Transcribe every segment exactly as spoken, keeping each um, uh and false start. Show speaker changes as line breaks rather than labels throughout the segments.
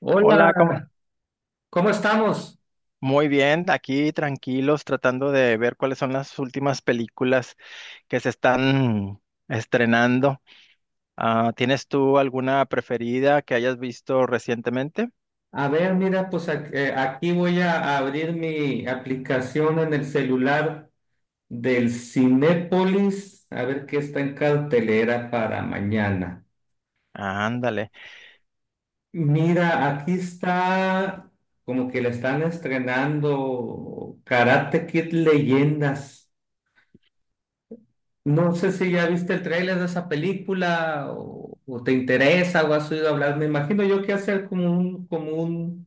Hola,
Hola, ¿cómo-
¿cómo estamos?
Muy bien, aquí tranquilos, tratando de ver cuáles son las últimas películas que se están estrenando. Ah, ¿tienes tú alguna preferida que hayas visto recientemente?
A ver, mira, pues ac- eh, aquí voy a abrir mi aplicación en el celular del Cinépolis, a ver qué está en cartelera para mañana.
Ándale.
Mira, aquí está como que le están estrenando Karate Kid Leyendas. No sé si ya viste el tráiler de esa película o, o te interesa o has oído hablar. Me imagino yo que hacer como un, como un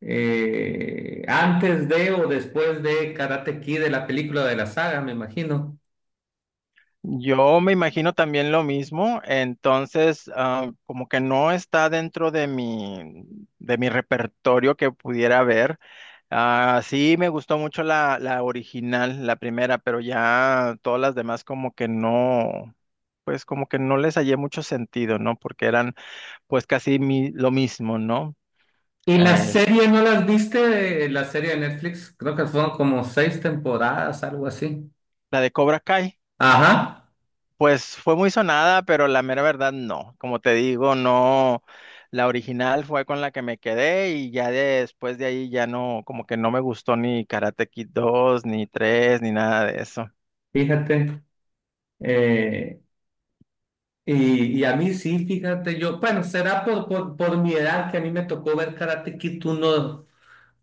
eh, antes de o después de Karate Kid, de la película de la saga, me imagino.
Yo me imagino también lo mismo, entonces ah, como que no está dentro de mi, de mi repertorio que pudiera ver. Ah, sí, me gustó mucho la, la original, la primera, pero ya todas las demás como que no, pues como que no les hallé mucho sentido, ¿no? Porque eran pues casi mi- lo mismo, ¿no?
¿Y la
Es
serie no las viste? eh, La serie de Netflix, creo que fueron como seis temporadas, algo así.
la de Cobra Kai.
Ajá,
Pues fue muy sonada, pero la mera verdad no. Como te digo, no. La original fue con la que me quedé y ya después de ahí ya no, como que no me gustó ni Karate Kid dos, ni tres, ni nada de eso.
fíjate. eh, y, y a mí sí, fíjate, yo, bueno, será por, por, por mi edad que a mí me tocó ver Karate Kid uno.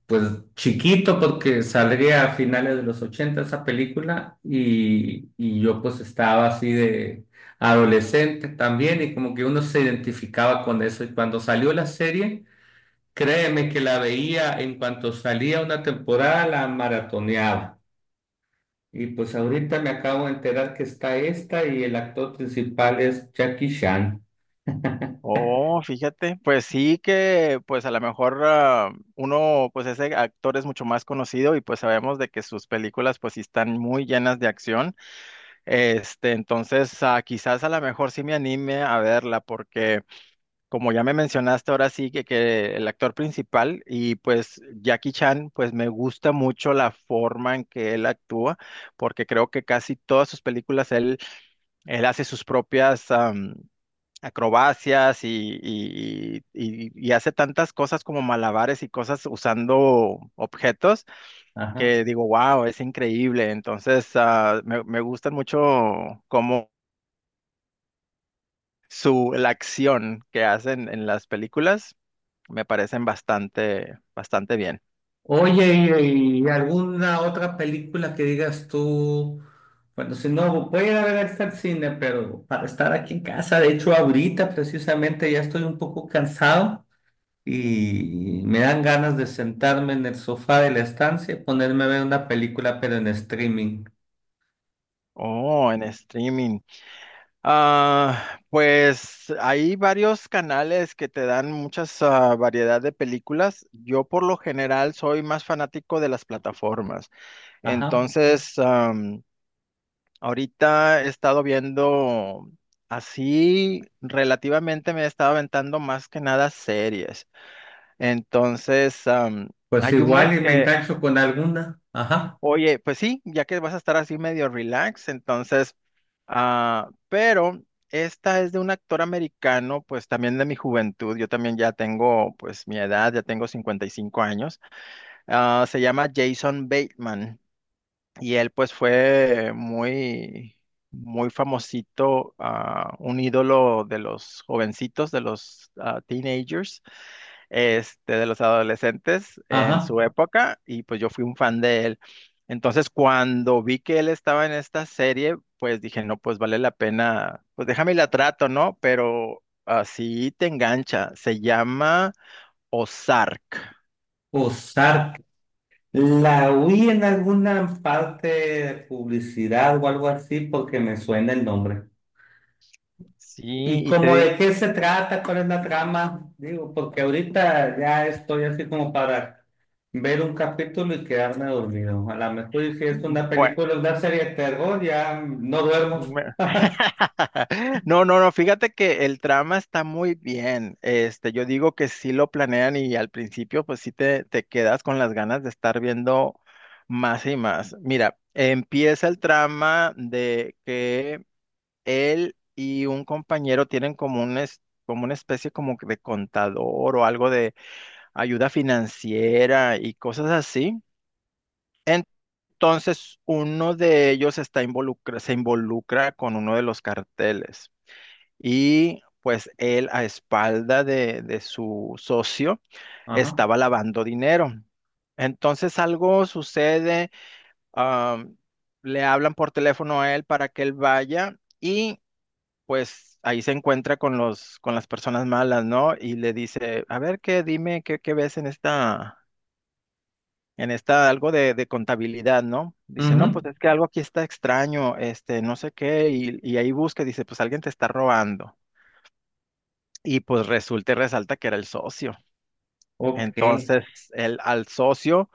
Pues chiquito porque saldría a finales de los ochenta esa película y, y yo pues estaba así de adolescente también y como que uno se identificaba con eso y cuando salió la serie, créeme que la veía en cuanto salía una temporada, la maratoneaba. Y pues ahorita me acabo de enterar que está esta y el actor principal es Jackie Chan.
Oh, fíjate, pues sí que, pues a lo mejor ah, uno, pues ese actor es mucho más conocido y pues sabemos de que sus películas pues sí están muy llenas de acción. Este, entonces ah, quizás a lo mejor sí me anime a verla porque... como ya me mencionaste ahora sí que, que el actor principal y pues Jackie Chan, pues me gusta mucho la forma en que él actúa, porque creo que casi todas sus películas él, él hace sus propias am, acrobacias y, y, y, y hace tantas cosas como malabares y cosas usando objetos
Ajá.
que digo, wow, es increíble. Entonces, ah, me, me gustan mucho como su, la acción que hacen en las películas. Me parecen bastante, bastante bien.
Oye, ¿y, y alguna otra película que digas tú? Bueno, si no, voy a ir a ver esta al cine, pero para estar aquí en casa, de hecho, ahorita precisamente ya estoy un poco cansado y me dan ganas de sentarme en el sofá de la estancia y ponerme a ver una película, pero en streaming.
Oh, en streaming. Ah, pues hay varios canales que te dan muchas ah, variedad de películas. Yo por lo general soy más fanático de las plataformas.
Ajá.
Entonces, am, ahorita he estado viendo así, relativamente me he estado aventando más que nada series. Entonces, am,
Pues
hay una
igual y me
que
engancho con alguna. Ajá,
oye, pues sí, ya que vas a estar así medio relax, entonces, ah, pero esta es de un actor americano, pues también de mi juventud, yo también ya tengo pues mi edad, ya tengo cincuenta y cinco años. Ah, se llama Jason Bateman. Y él pues fue muy, muy famosito, ah, un ídolo de los jovencitos, de los ah, teenagers, este, de los adolescentes en
ajá.
su época, y pues yo fui un fan de él. Entonces cuando vi que él estaba en esta serie, pues dije, no, pues vale la pena, pues déjame y la trato, ¿no? Pero así te engancha, se llama Ozark,
O la vi en alguna parte de publicidad o algo así porque me suena el nombre.
¿sí?
¿Y
Y
como
te
de qué se trata? ¿Cuál es la trama? Digo, porque ahorita ya estoy así como para ver un capítulo y quedarme dormido. A lo mejor y si es una
digo...
película, una serie de terror, ya no duermo.
Me- no, no, no, fíjate que el trama está muy bien. Este, yo digo que sí lo planean y al principio pues sí te, te quedas con las ganas de estar viendo más y más. Mira, empieza el trama de que él y un compañero tienen como un es- como una especie como que de contador o algo de ayuda financiera y cosas así. Entonces, uno de ellos está involucra, se involucra con uno de los carteles. Y pues él a espalda de, de su socio
Ajá.
estaba lavando dinero. Entonces algo sucede, am, le hablan por teléfono a él para que él vaya y pues ahí se encuentra con los, con las personas malas, ¿no? Y le dice, a ver, qué, dime, qué, qué ves en esta, en esta, algo de, de contabilidad, ¿no? Dice, no,
Ujú.
pues es que algo aquí está extraño, este, no sé qué, y, y ahí busca, dice, pues alguien te está robando. Y pues resulta y resalta que era el socio.
Ok.
Entonces, el, al socio,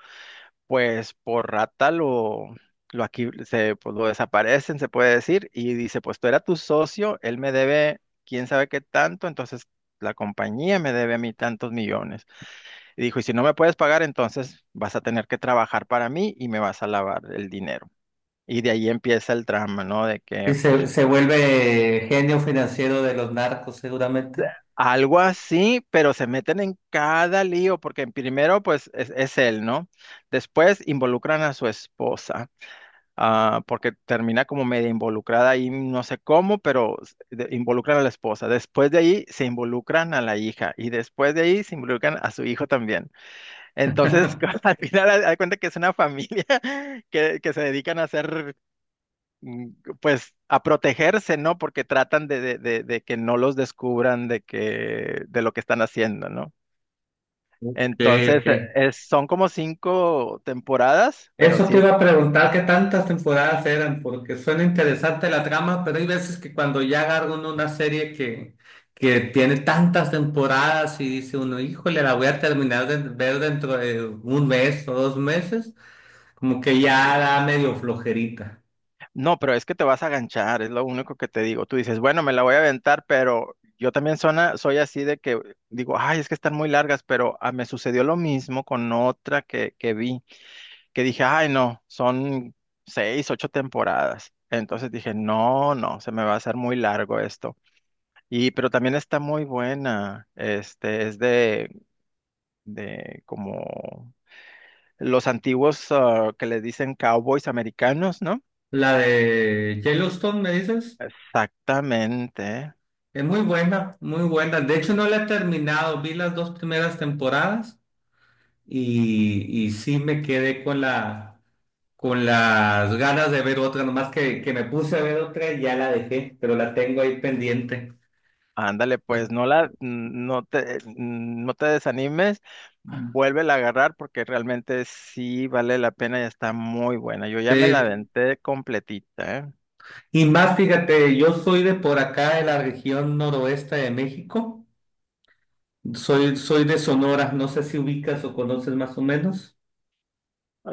pues por rata lo, lo aquí se pues, lo desaparecen, se puede decir, y dice, pues tú era tu socio, él me debe quién sabe qué tanto, entonces la compañía me debe a mí tantos millones. Y dijo, y si no me puedes pagar, entonces vas a tener que trabajar para mí y me vas a lavar el dinero. Y de ahí empieza el drama, ¿no? De
Y
que
se, se vuelve genio financiero de los narcos, seguramente.
algo así, pero se meten en cada lío, porque primero, pues, es, es él, ¿no? Después involucran a su esposa, ah, porque termina como media involucrada ahí, no sé cómo, pero s- de- involucran a la esposa. Después de ahí se involucran a la hija y después de ahí se involucran a su hijo también. Entonces, al final, haz haz cuenta que es una familia que, que se dedican a hacer mm, pues a protegerse, ¿no? Porque tratan de, de- de- de que no los descubran de que, de lo que están haciendo, ¿no?
Ok,
Entonces, eh,
ok.
es- son como cinco temporadas, pero
Eso
sí
te
es,
iba a preguntar qué tantas temporadas eran, porque suena interesante la trama, pero hay veces que cuando ya agarra uno una serie que, que tiene tantas temporadas y dice uno, híjole, la voy a terminar de ver dentro de un mes o dos meses, como que ya da medio flojerita.
no, pero es que te vas a ganchar, es lo único que te digo. Tú dices, bueno, me la voy a aventar, pero yo también sona- soy así de que digo, ay, es que están muy largas, pero ah, me sucedió lo mismo con otra que, que vi, que dije, ay, no, son seis, ocho temporadas. Entonces dije, no, no, se me va a hacer muy largo esto. Y, pero también está muy buena. Este es de, de como los antiguos ah, que le dicen cowboys americanos, ¿no?
La de Yellowstone, me dices,
Exactamente.
es muy buena, muy buena. De hecho, no la he terminado, vi las dos primeras temporadas y, y sí me quedé con la con las ganas de ver otra, nomás que, que me puse a ver otra y ya la dejé, pero la tengo ahí pendiente.
Ándale, pues
Entonces,
no la, no te, no te desanimes, vuélvela a agarrar porque realmente sí vale la pena y está muy buena. Yo ya me la
eh,
aventé completita, ¿eh?
y más, fíjate, yo soy de por acá, de la región noroeste de México, soy, soy de Sonora, no sé si ubicas o conoces más o menos.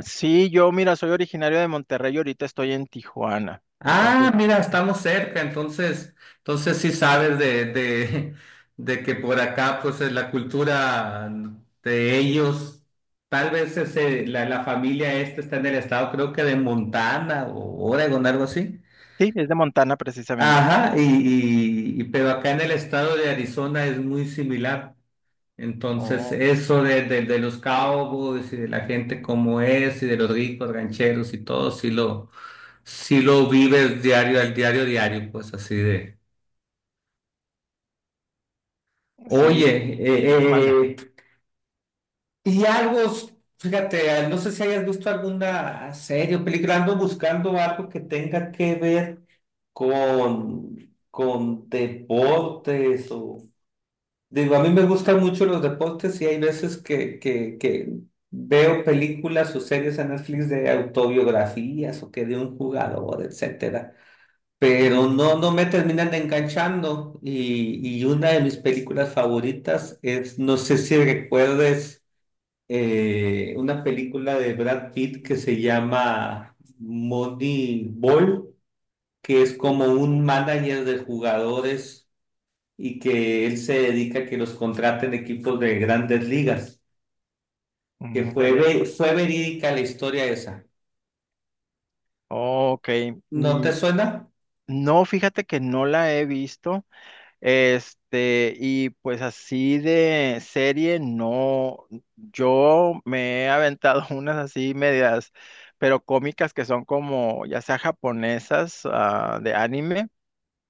Sí, yo, mira, soy originario de Monterrey y ahorita estoy en Tijuana.
Ah,
Entonces,
mira, estamos cerca, entonces, entonces sí sabes de, de, de que por acá, pues eh, la cultura de ellos, tal vez ese- la, la familia esta está en el estado, creo que de Montana o Oregon, algo así.
sí, es de Montana precisamente.
Ajá, y, y, y- pero acá en el estado de Arizona es muy similar. Entonces, eso de, de, de los cowboys y de la gente como es y de los ricos rancheros y todo, sí lo, sí lo vives diario al diario, diario, pues así de.
Sí,
Oye,
manda.
eh, eh, y algo, fíjate, no sé si hayas visto alguna serie o película, ando buscando algo que tenga que ver con, con deportes o digo, a mí me gustan mucho los deportes y hay veces que, que, que veo películas o series en Netflix de autobiografías o que de un jugador, etcétera. Pero no, no
Mm.
me terminan de enganchando. Y, y una de mis películas favoritas es, no sé si recuerdes, eh, una película de Brad Pitt que se llama Moneyball, que es como un manager de jugadores y que él se dedica a que los contraten equipos de grandes ligas, que
Mm,
fue,
dale.
ve- fue verídica la historia esa.
Ok.
¿No
mm,
te suena?
no, fíjate que no la he visto. Este, y pues así de serie, no. Yo me he aventado unas así medias, pero cómicas que son como, ya sea japonesas, ah, de anime.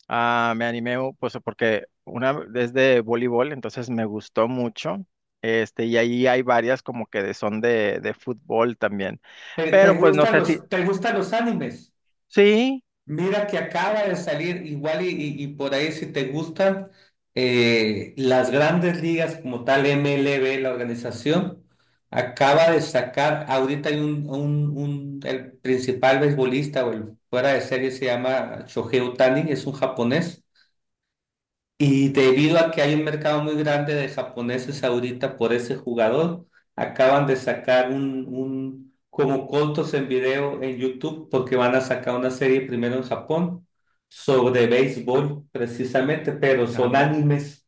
Ah, me animé pues porque una es de voleibol, entonces me gustó mucho. Este, y ahí hay varias como que de- son de, de fútbol también.
¿Te, te
Pero pues no
gustan
sé si.
los, te gustan los animes?
Sí,
Mira que acaba de salir igual y, y- y por ahí si te gustan eh, las grandes ligas como tal M L B, la organización, acaba de sacar, ahorita hay un, un, un- el principal beisbolista o el fuera de serie se llama Shohei Ohtani, es un japonés. Y debido a que hay un mercado muy grande de japoneses ahorita por ese jugador, acaban de sacar un, un como cortos en video en YouTube porque van a sacar una serie primero en Japón sobre béisbol precisamente, pero son
ándale,
animes.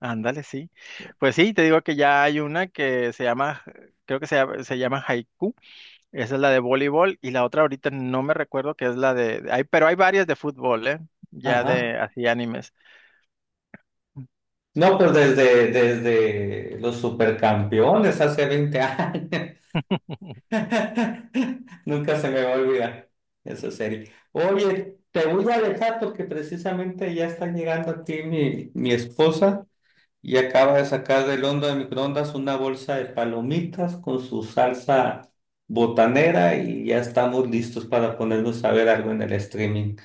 ándale, sí. Pues sí, te digo que ya hay una que se llama, creo que se, llama- se llama Haiku. Esa es la de voleibol. Y la otra ahorita no me recuerdo que es la de. Hay, pero hay varias de fútbol, ¿eh? Ya
Ajá.
de así animes.
No, pero desde, desde los supercampeones hace veinte años. Nunca se me va a olvidar esa serie. Oye, te voy a dejar porque precisamente ya está llegando aquí mi, mi esposa y acaba de sacar del hondo de microondas una bolsa de palomitas con su salsa botanera y ya estamos listos para ponernos a ver algo en el streaming.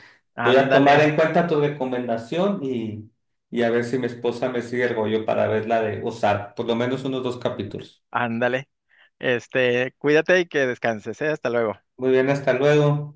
Voy a tomar en
Ándale,
cuenta tu recomendación y, y a ver si mi esposa me sigue el rollo para ver la de Ozark, por lo menos unos dos capítulos.
ándale. Este, cuídate y que descanses, ¿eh? Hasta luego.
Muy bien, hasta luego.